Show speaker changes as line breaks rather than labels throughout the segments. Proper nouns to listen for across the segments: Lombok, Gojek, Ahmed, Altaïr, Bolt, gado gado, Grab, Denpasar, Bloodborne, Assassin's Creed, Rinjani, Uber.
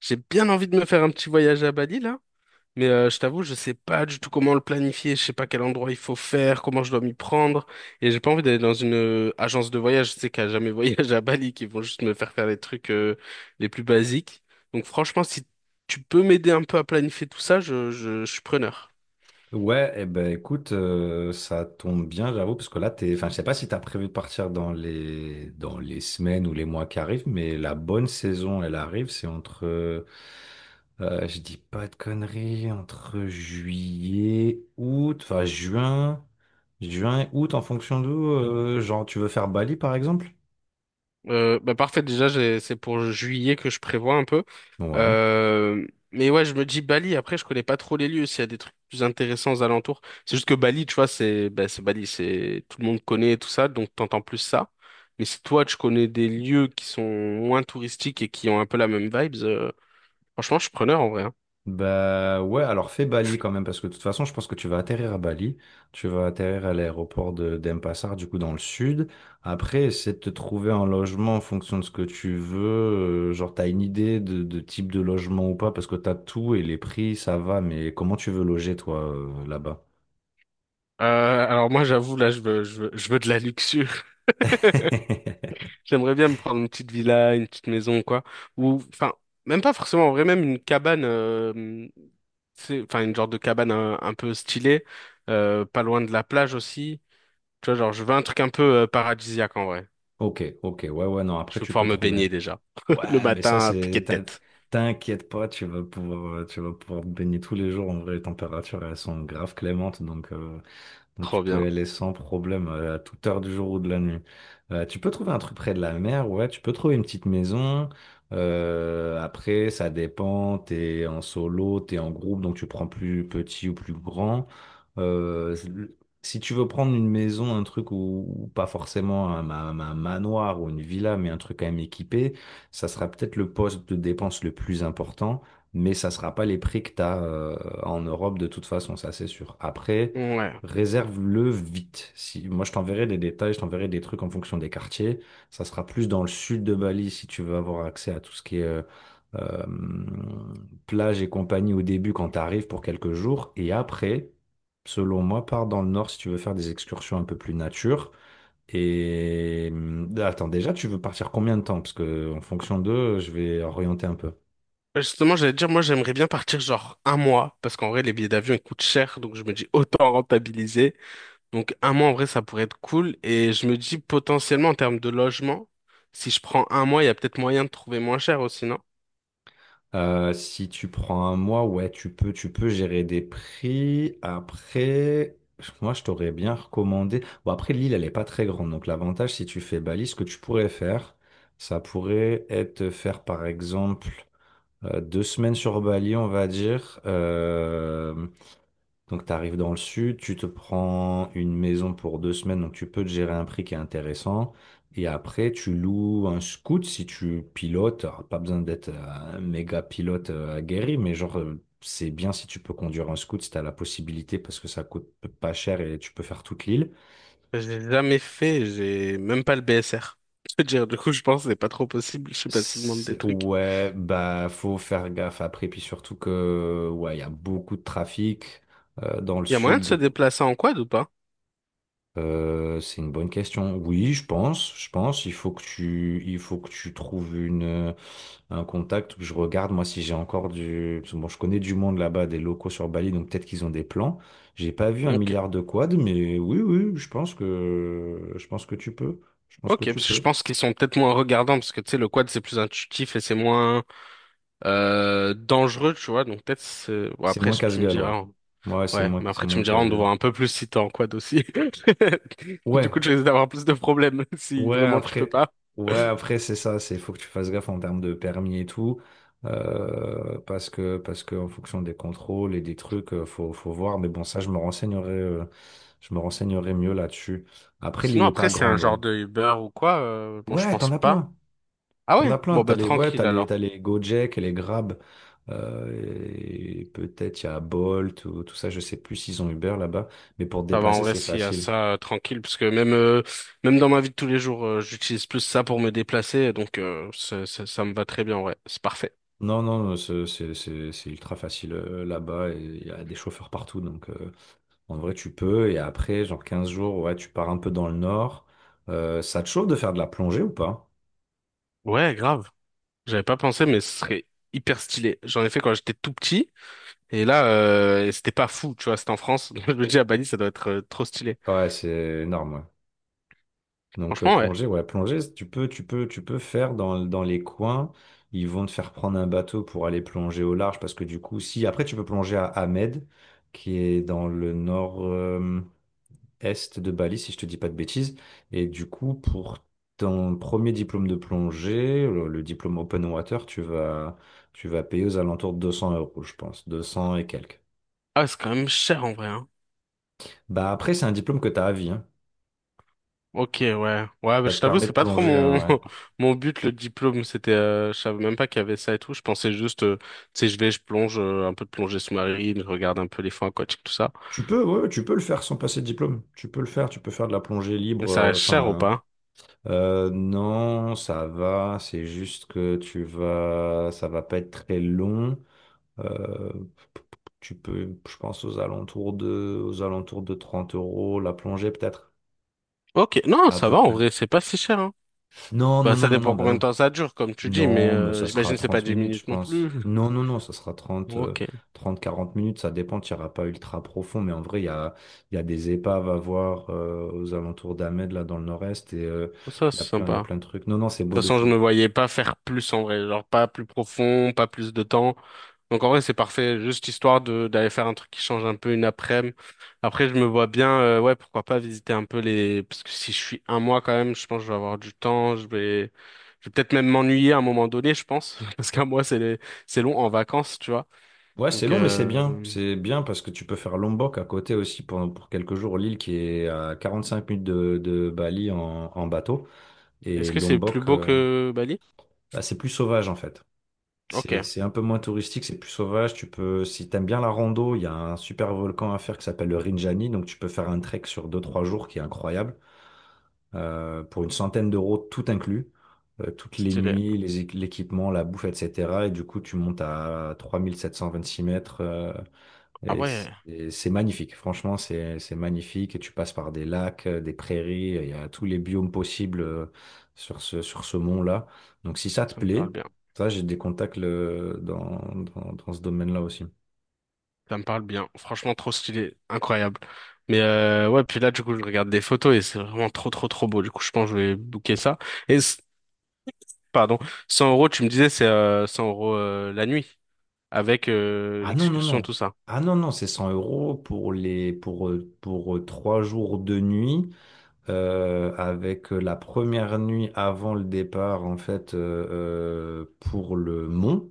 J'ai bien envie de me faire un petit voyage à Bali là, mais je t'avoue, je sais pas du tout comment le planifier, je sais pas quel endroit il faut faire, comment je dois m'y prendre, et j'ai pas envie d'aller dans une agence de voyage, je sais qu'à jamais voyage à Bali, qui vont juste me faire faire les trucs les plus basiques. Donc franchement, si tu peux m'aider un peu à planifier tout ça, je suis preneur.
Ouais, eh ben écoute, ça tombe bien, j'avoue, parce que là, t'es, enfin, je sais pas si t'as prévu de partir dans les semaines ou les mois qui arrivent, mais la bonne saison, elle arrive, c'est je dis pas de conneries, entre juillet, août, enfin juin, août, en fonction d'où, genre tu veux faire Bali par exemple?
Bah parfait, déjà, c'est pour juillet que je prévois un peu.
Ouais.
Mais ouais, je me dis Bali, après, je connais pas trop les lieux, s'il y a des trucs plus intéressants aux alentours. C'est juste que Bali, tu vois, c'est bah, c'est Bali, c'est tout le monde connaît et tout ça, donc t'entends plus ça. Mais si toi, tu connais des lieux qui sont moins touristiques et qui ont un peu la même vibes, franchement, je suis preneur en vrai, hein.
Bah ouais, alors fais Bali quand même, parce que de toute façon, je pense que tu vas atterrir à Bali, tu vas atterrir à l'aéroport de d'Denpasar, du coup dans le sud. Après, essaie de te trouver un logement en fonction de ce que tu veux. Genre, t'as une idée de type de logement ou pas, parce que t'as tout et les prix, ça va, mais comment tu veux loger toi là-bas?
Alors moi, j'avoue, là, je veux de la luxure. J'aimerais bien me prendre une petite villa, une petite maison, quoi. Ou, enfin, même pas forcément en vrai, même une cabane. C'est enfin une genre de cabane un peu stylée, pas loin de la plage aussi. Tu vois, genre, je veux un truc un peu paradisiaque en vrai.
Ok, ok, ouais, ouais, non, après
Je veux
tu
pouvoir
peux
me
trouver.
baigner déjà. Le
Ouais, mais ça,
matin, à piquer de tête.
T'inquiète pas, tu vas pouvoir te baigner tous les jours. En vrai, les températures, elles sont grave clémentes, Donc tu
Trop bien.
peux aller sans problème à toute heure du jour ou de la nuit. Tu peux trouver un truc près de la mer, ouais, tu peux trouver une petite maison. Après, ça dépend, t'es en solo, t'es en groupe, donc tu prends plus petit ou plus grand. Euh, Si tu veux prendre une maison, un truc où pas forcément un manoir ou une villa, mais un truc quand même équipé, ça sera peut-être le poste de dépense le plus important, mais ça sera pas les prix que t'as en Europe de toute façon, ça c'est sûr. Après,
Ouais.
réserve-le vite. Si, moi, je t'enverrai des détails, je t'enverrai des trucs en fonction des quartiers. Ça sera plus dans le sud de Bali si tu veux avoir accès à tout ce qui est euh, plage et compagnie au début quand tu arrives pour quelques jours. Et après, selon moi, pars dans le nord si tu veux faire des excursions un peu plus nature. Et attends, déjà, tu veux partir combien de temps? Parce que en fonction d'eux, je vais orienter un peu.
Bah, justement, j'allais te dire, moi, j'aimerais bien partir genre un mois, parce qu'en vrai, les billets d'avion, ils coûtent cher, donc je me dis autant rentabiliser. Donc, un mois, en vrai, ça pourrait être cool. Et je me dis potentiellement, en termes de logement, si je prends un mois, il y a peut-être moyen de trouver moins cher aussi, non?
Si tu prends un mois, ouais, tu peux gérer des prix. Après, moi, je t'aurais bien recommandé. Bon, après, l'île, elle n'est pas très grande. Donc, l'avantage, si tu fais Bali, ce que tu pourrais faire, ça pourrait être de faire, par exemple, deux semaines sur Bali, on va dire. Donc, tu arrives dans le sud, tu te prends une maison pour deux semaines, donc tu peux te gérer un prix qui est intéressant. Et après, tu loues un scoot si tu pilotes. Alors, pas besoin d'être un méga pilote aguerri, mais c'est bien si tu peux conduire un scoot si tu as la possibilité parce que ça coûte pas cher et tu peux faire toute l'île.
J'ai jamais fait, j'ai même pas le BSR. Je veux dire, du coup, je pense que c'est pas trop possible. Je sais pas s'ils demandent des trucs.
Ouais, bah, faut faire gaffe après. Puis surtout que, ouais, il y a beaucoup de trafic dans le
Il y a moyen
sud,
de se
beaucoup.
déplacer en quad ou pas?
C'est une bonne question. Oui, je pense. Il faut il faut que tu trouves un contact. Je regarde moi si j'ai encore du. Parce que bon, je connais du monde là-bas, des locaux sur Bali, donc peut-être qu'ils ont des plans. J'ai pas vu un
Ok.
milliard de quads, mais oui, oui, je pense que tu peux. Je pense
Ok,
que tu
parce que je
peux.
pense qu'ils sont peut-être moins regardants, parce que tu sais, le quad c'est plus intuitif et c'est moins dangereux, tu vois. Donc peut-être bon,
C'est
après
moins
si tu me
casse-gueule, ouais.
diras, hein.
Ouais,
Ouais, mais
c'est
après tu me
moins
diras, on te
casse-gueule.
voit un peu plus si t'es en quad aussi. Du
Ouais,
coup, tu risques d'avoir plus de problèmes si
ouais,
vraiment tu peux
après,
pas.
ouais, après c'est ça, c'est faut que tu fasses gaffe en termes de permis et tout, parce que en fonction des contrôles et des trucs, faut faut voir. Mais bon, ça, je me renseignerai mieux là-dessus. Après, l'île
Sinon,
est
après,
pas
c'est un
grande, ouais.
genre de Uber ou quoi? Bon je
Ouais, t'en
pense
as
pas.
plein,
Ah
t'en
ouais?
as plein.
Bon, bah tranquille alors.
T'as les Gojek et les Grab, et peut-être il y a Bolt ou tout ça. Je sais plus s'ils ont Uber là-bas, mais pour te
Ça va en
déplacer,
vrai
c'est
s'il y a
facile.
ça tranquille parce que même même dans ma vie de tous les jours j'utilise plus ça pour me déplacer donc ça me va très bien, ouais, c'est parfait.
Non, non, c'est ultra facile là-bas et il y a des chauffeurs partout. Donc en vrai, tu peux. Et après, genre 15 jours, ouais, tu pars un peu dans le nord. Ça te chauffe de faire de la plongée ou pas?
Ouais grave. J'avais pas pensé mais ce serait hyper stylé, j'en ai fait quand j'étais tout petit et là et c'était pas fou tu vois, c'était en France. Je me dis à Bali ça doit être trop stylé.
Ouais, c'est énorme. Ouais. Donc
Franchement ouais.
plongée, tu peux faire dans les coins. Ils vont te faire prendre un bateau pour aller plonger au large parce que du coup, si après tu peux plonger à Ahmed, qui est dans le nord. Est de Bali, si je te dis pas de bêtises. Et du coup, pour ton premier diplôme de plongée, le diplôme Open Water, tu vas payer aux alentours de 200 euros, je pense, 200 et quelques.
Ah c'est quand même cher en vrai, hein.
Bah après, c'est un diplôme que tu as à vie, hein.
Ok, ouais. Ouais, bah,
Ça
je
te
t'avoue,
permet de
c'est pas trop
plonger,
mon
ouais.
mon but le diplôme. C'était, je savais même pas qu'il y avait ça et tout. Je pensais juste, tu sais, je vais, je plonge un peu de plongée sous-marine, je regarde un peu les fonds aquatiques, tout ça.
Tu peux, ouais, ouais, tu peux le faire sans passer de diplôme. Tu peux faire de la plongée
Mais
libre.
ça reste cher ou pas?
Non, ça va. C'est juste que tu vas, ça va pas être très long. Euh, Tu peux, je pense, aux alentours de 30 euros la plongée, peut-être,
Ok, non,
à
ça
peu
va en
près.
vrai, c'est pas si cher, hein.
Non,
Bah,
non,
ça
non, non, non,
dépend
bah
combien de
non.
temps ça dure, comme tu dis, mais
Non, bah ça sera
j'imagine que c'est pas
30
10
minutes, je
minutes non plus.
pense. Non, non, non,
Ok,
30, 40 minutes, ça dépend, tu n'iras pas ultra profond, mais en vrai, il y a des épaves à voir aux alentours d'Ahmed, là, dans le nord-est, et
ça c'est
il y a
sympa.
plein de trucs. Non, non, c'est beau
Toute
de
façon, je
fou.
me voyais pas faire plus en vrai, genre pas plus profond, pas plus de temps. Donc en vrai, c'est parfait, juste histoire de d'aller faire un truc qui change un peu une après-midi. Après, je me vois bien, ouais, pourquoi pas visiter un peu les, parce que si je suis un mois quand même, je pense que je vais avoir du temps, je vais peut-être même m'ennuyer à un moment donné, je pense, parce qu'un mois c'est long en vacances, tu vois.
Ouais, c'est
Donc,
long, mais c'est bien. C'est bien parce que tu peux faire Lombok à côté aussi pour quelques jours, l'île qui est à 45 minutes de Bali en bateau.
est-ce
Et
que c'est plus
Lombok,
beau
euh,
que Bali?
bah, c'est plus sauvage en fait.
Ok,
C'est un peu moins touristique, c'est plus sauvage. Tu peux, si t'aimes bien la rando, il y a un super volcan à faire qui s'appelle le Rinjani. Donc tu peux faire un trek sur deux trois jours qui est incroyable. Pour une centaine d'euros, tout inclus. Toutes les
stylé.
nuits, l'équipement, la bouffe, etc. Et du coup, tu montes à 3726 mètres.
Ah
Et
ouais,
c'est magnifique, franchement, c'est magnifique. Et tu passes par des lacs, des prairies, il y a tous les biomes possibles sur ce mont-là. Donc si ça te
ça me parle
plaît,
bien.
ça, j'ai des contacts dans ce domaine-là aussi.
Ça me parle bien. Franchement, trop stylé. Incroyable. Mais ouais, puis là, du coup, je regarde des photos et c'est vraiment trop beau. Du coup, je pense que je vais booker ça. Et, pardon, 100 euros, tu me disais, c'est 100 euros la nuit, avec
Ah non, non,
l'excursion,
non.
tout ça.
Ah non, non, c'est 100 euros pour trois jours de nuit, avec la première nuit avant le départ, en fait, pour le mont.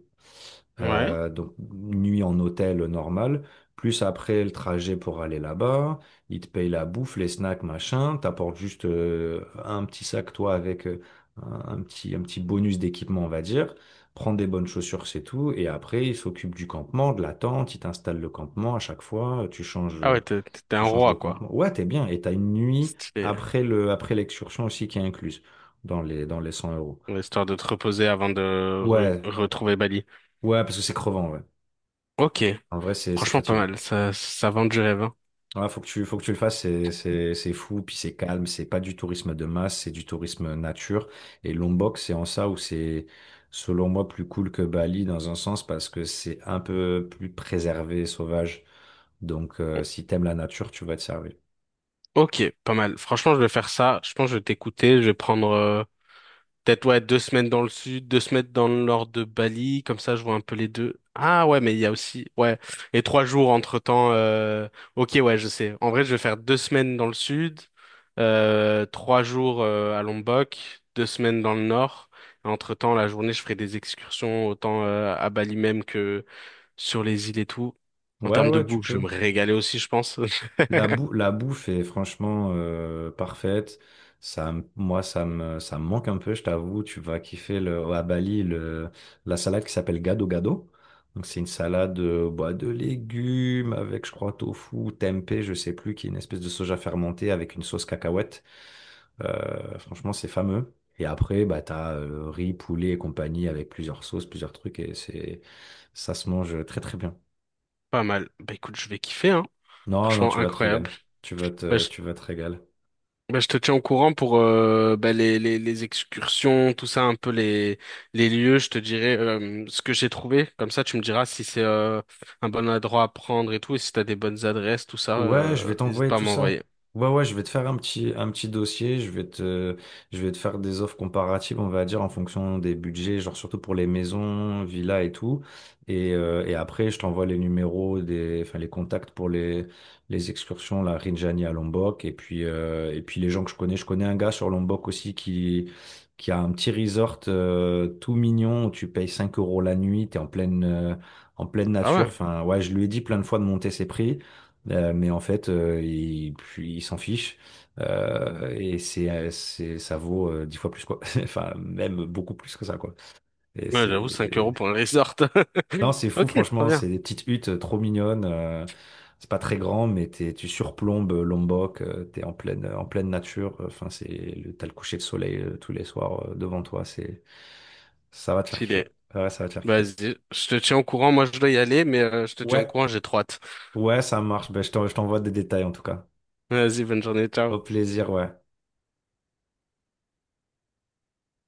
Ouais.
Donc, une nuit en hôtel normal, plus après le trajet pour aller là-bas, ils te payent la bouffe, les snacks, machin, t'apportes juste un petit sac, toi, avec un petit bonus d'équipement, on va dire, prends des bonnes chaussures, c'est tout, et après, ils s'occupent du campement, de la tente, ils t'installent le campement à chaque fois,
Ah ouais, t'es un
tu changes de
roi, quoi.
campement. Ouais, t'es bien, et t'as une nuit
Stylé.
après après l'excursion aussi qui est incluse dans les 100 euros.
Ouais, histoire de te reposer avant de
Ouais,
retrouver Bali.
ouais, parce que c'est crevant, ouais.
Ok.
En vrai, c'est
Franchement, pas
fatigant.
mal. Ça vend du rêve, hein.
Ouais, faut faut que tu le fasses, c'est fou, puis c'est calme, c'est pas du tourisme de masse, c'est du tourisme nature. Et Lombok, c'est en ça où c'est, selon moi, plus cool que Bali dans un sens parce que c'est un peu plus préservé, sauvage. Donc, si t'aimes la nature, tu vas te servir.
Ok, pas mal. Franchement, je vais faire ça. Je pense que je vais t'écouter. Je vais prendre... peut-être, ouais, 2 semaines dans le sud, 2 semaines dans le nord de Bali, comme ça je vois un peu les deux. Ah ouais, mais il y a aussi, ouais, et 3 jours entre-temps. Ok, ouais, je sais. En vrai, je vais faire 2 semaines dans le sud, 3 jours à Lombok, 2 semaines dans le nord. Et entre-temps, la journée, je ferai des excursions autant à Bali même que sur les îles et tout. En
Ouais,
termes de
ouais, tu
bouffe, je vais
peux.
me régaler aussi, je pense.
La bouffe est franchement parfaite. Ça, me- moi, ça me manque un peu, je t'avoue. Tu vas kiffer le, à Bali le, la salade qui s'appelle gado gado. Donc, c'est une salade bah, de légumes avec, je crois, tofu, tempeh, je sais plus, qui est une espèce de soja fermenté avec une sauce cacahuète. Franchement, c'est fameux. Et après, bah, t'as riz, poulet et compagnie avec plusieurs sauces, plusieurs trucs. Et ça se mange très, très bien.
Pas mal. Bah écoute, je vais kiffer, hein.
Non, non,
Franchement,
tu vas te régaler.
incroyable. Bah, je
Tu vas te régaler.
ben, je te tiens au courant pour ben, les excursions, tout ça, un peu les lieux. Je te dirai ce que j'ai trouvé. Comme ça, tu me diras si c'est un bon endroit à prendre et tout, et si t'as des bonnes adresses, tout ça,
Ouais, je vais
n'hésite
t'envoyer
pas à
tout
m'envoyer.
ça. Ouais, ouais, je vais te faire un petit dossier, je vais te faire des offres comparatives, on va dire, en fonction des budgets, genre surtout pour les maisons, villas et tout. Et après, je t'envoie les numéros, des, enfin, les contacts les excursions, la Rinjani à Lombok. Et puis les gens que je connais un gars sur Lombok aussi qui a un petit resort tout mignon où tu payes 5 euros la nuit, en pleine
Ah
nature.
ouais?
Enfin, ouais, je lui ai dit plein de fois de monter ses prix. Mais en fait, il, puis il s'en fiche ça vaut dix fois plus quoi. Enfin, même beaucoup plus que ça quoi. Et
Ouais, j'avoue, 5 euros pour un resort.
non, c'est fou
Ok, trop
franchement. C'est
bien.
des petites huttes trop mignonnes. C'est pas très grand, mais t'es, tu surplombes Lombok. T'es en pleine nature. Enfin, t'as le coucher de soleil tous les soirs devant toi. Ça va te faire
Stylé.
kiffer. Ouais, ça va te faire kiffer.
Vas-y, je te tiens au courant. Moi, je dois y aller, mais je te tiens au
Ouais,
courant, j'ai trop hâte.
ouais, ça marche. Ben, je t'envoie des détails en tout cas.
Vas-y, bonne journée,
Au
ciao.
plaisir, ouais.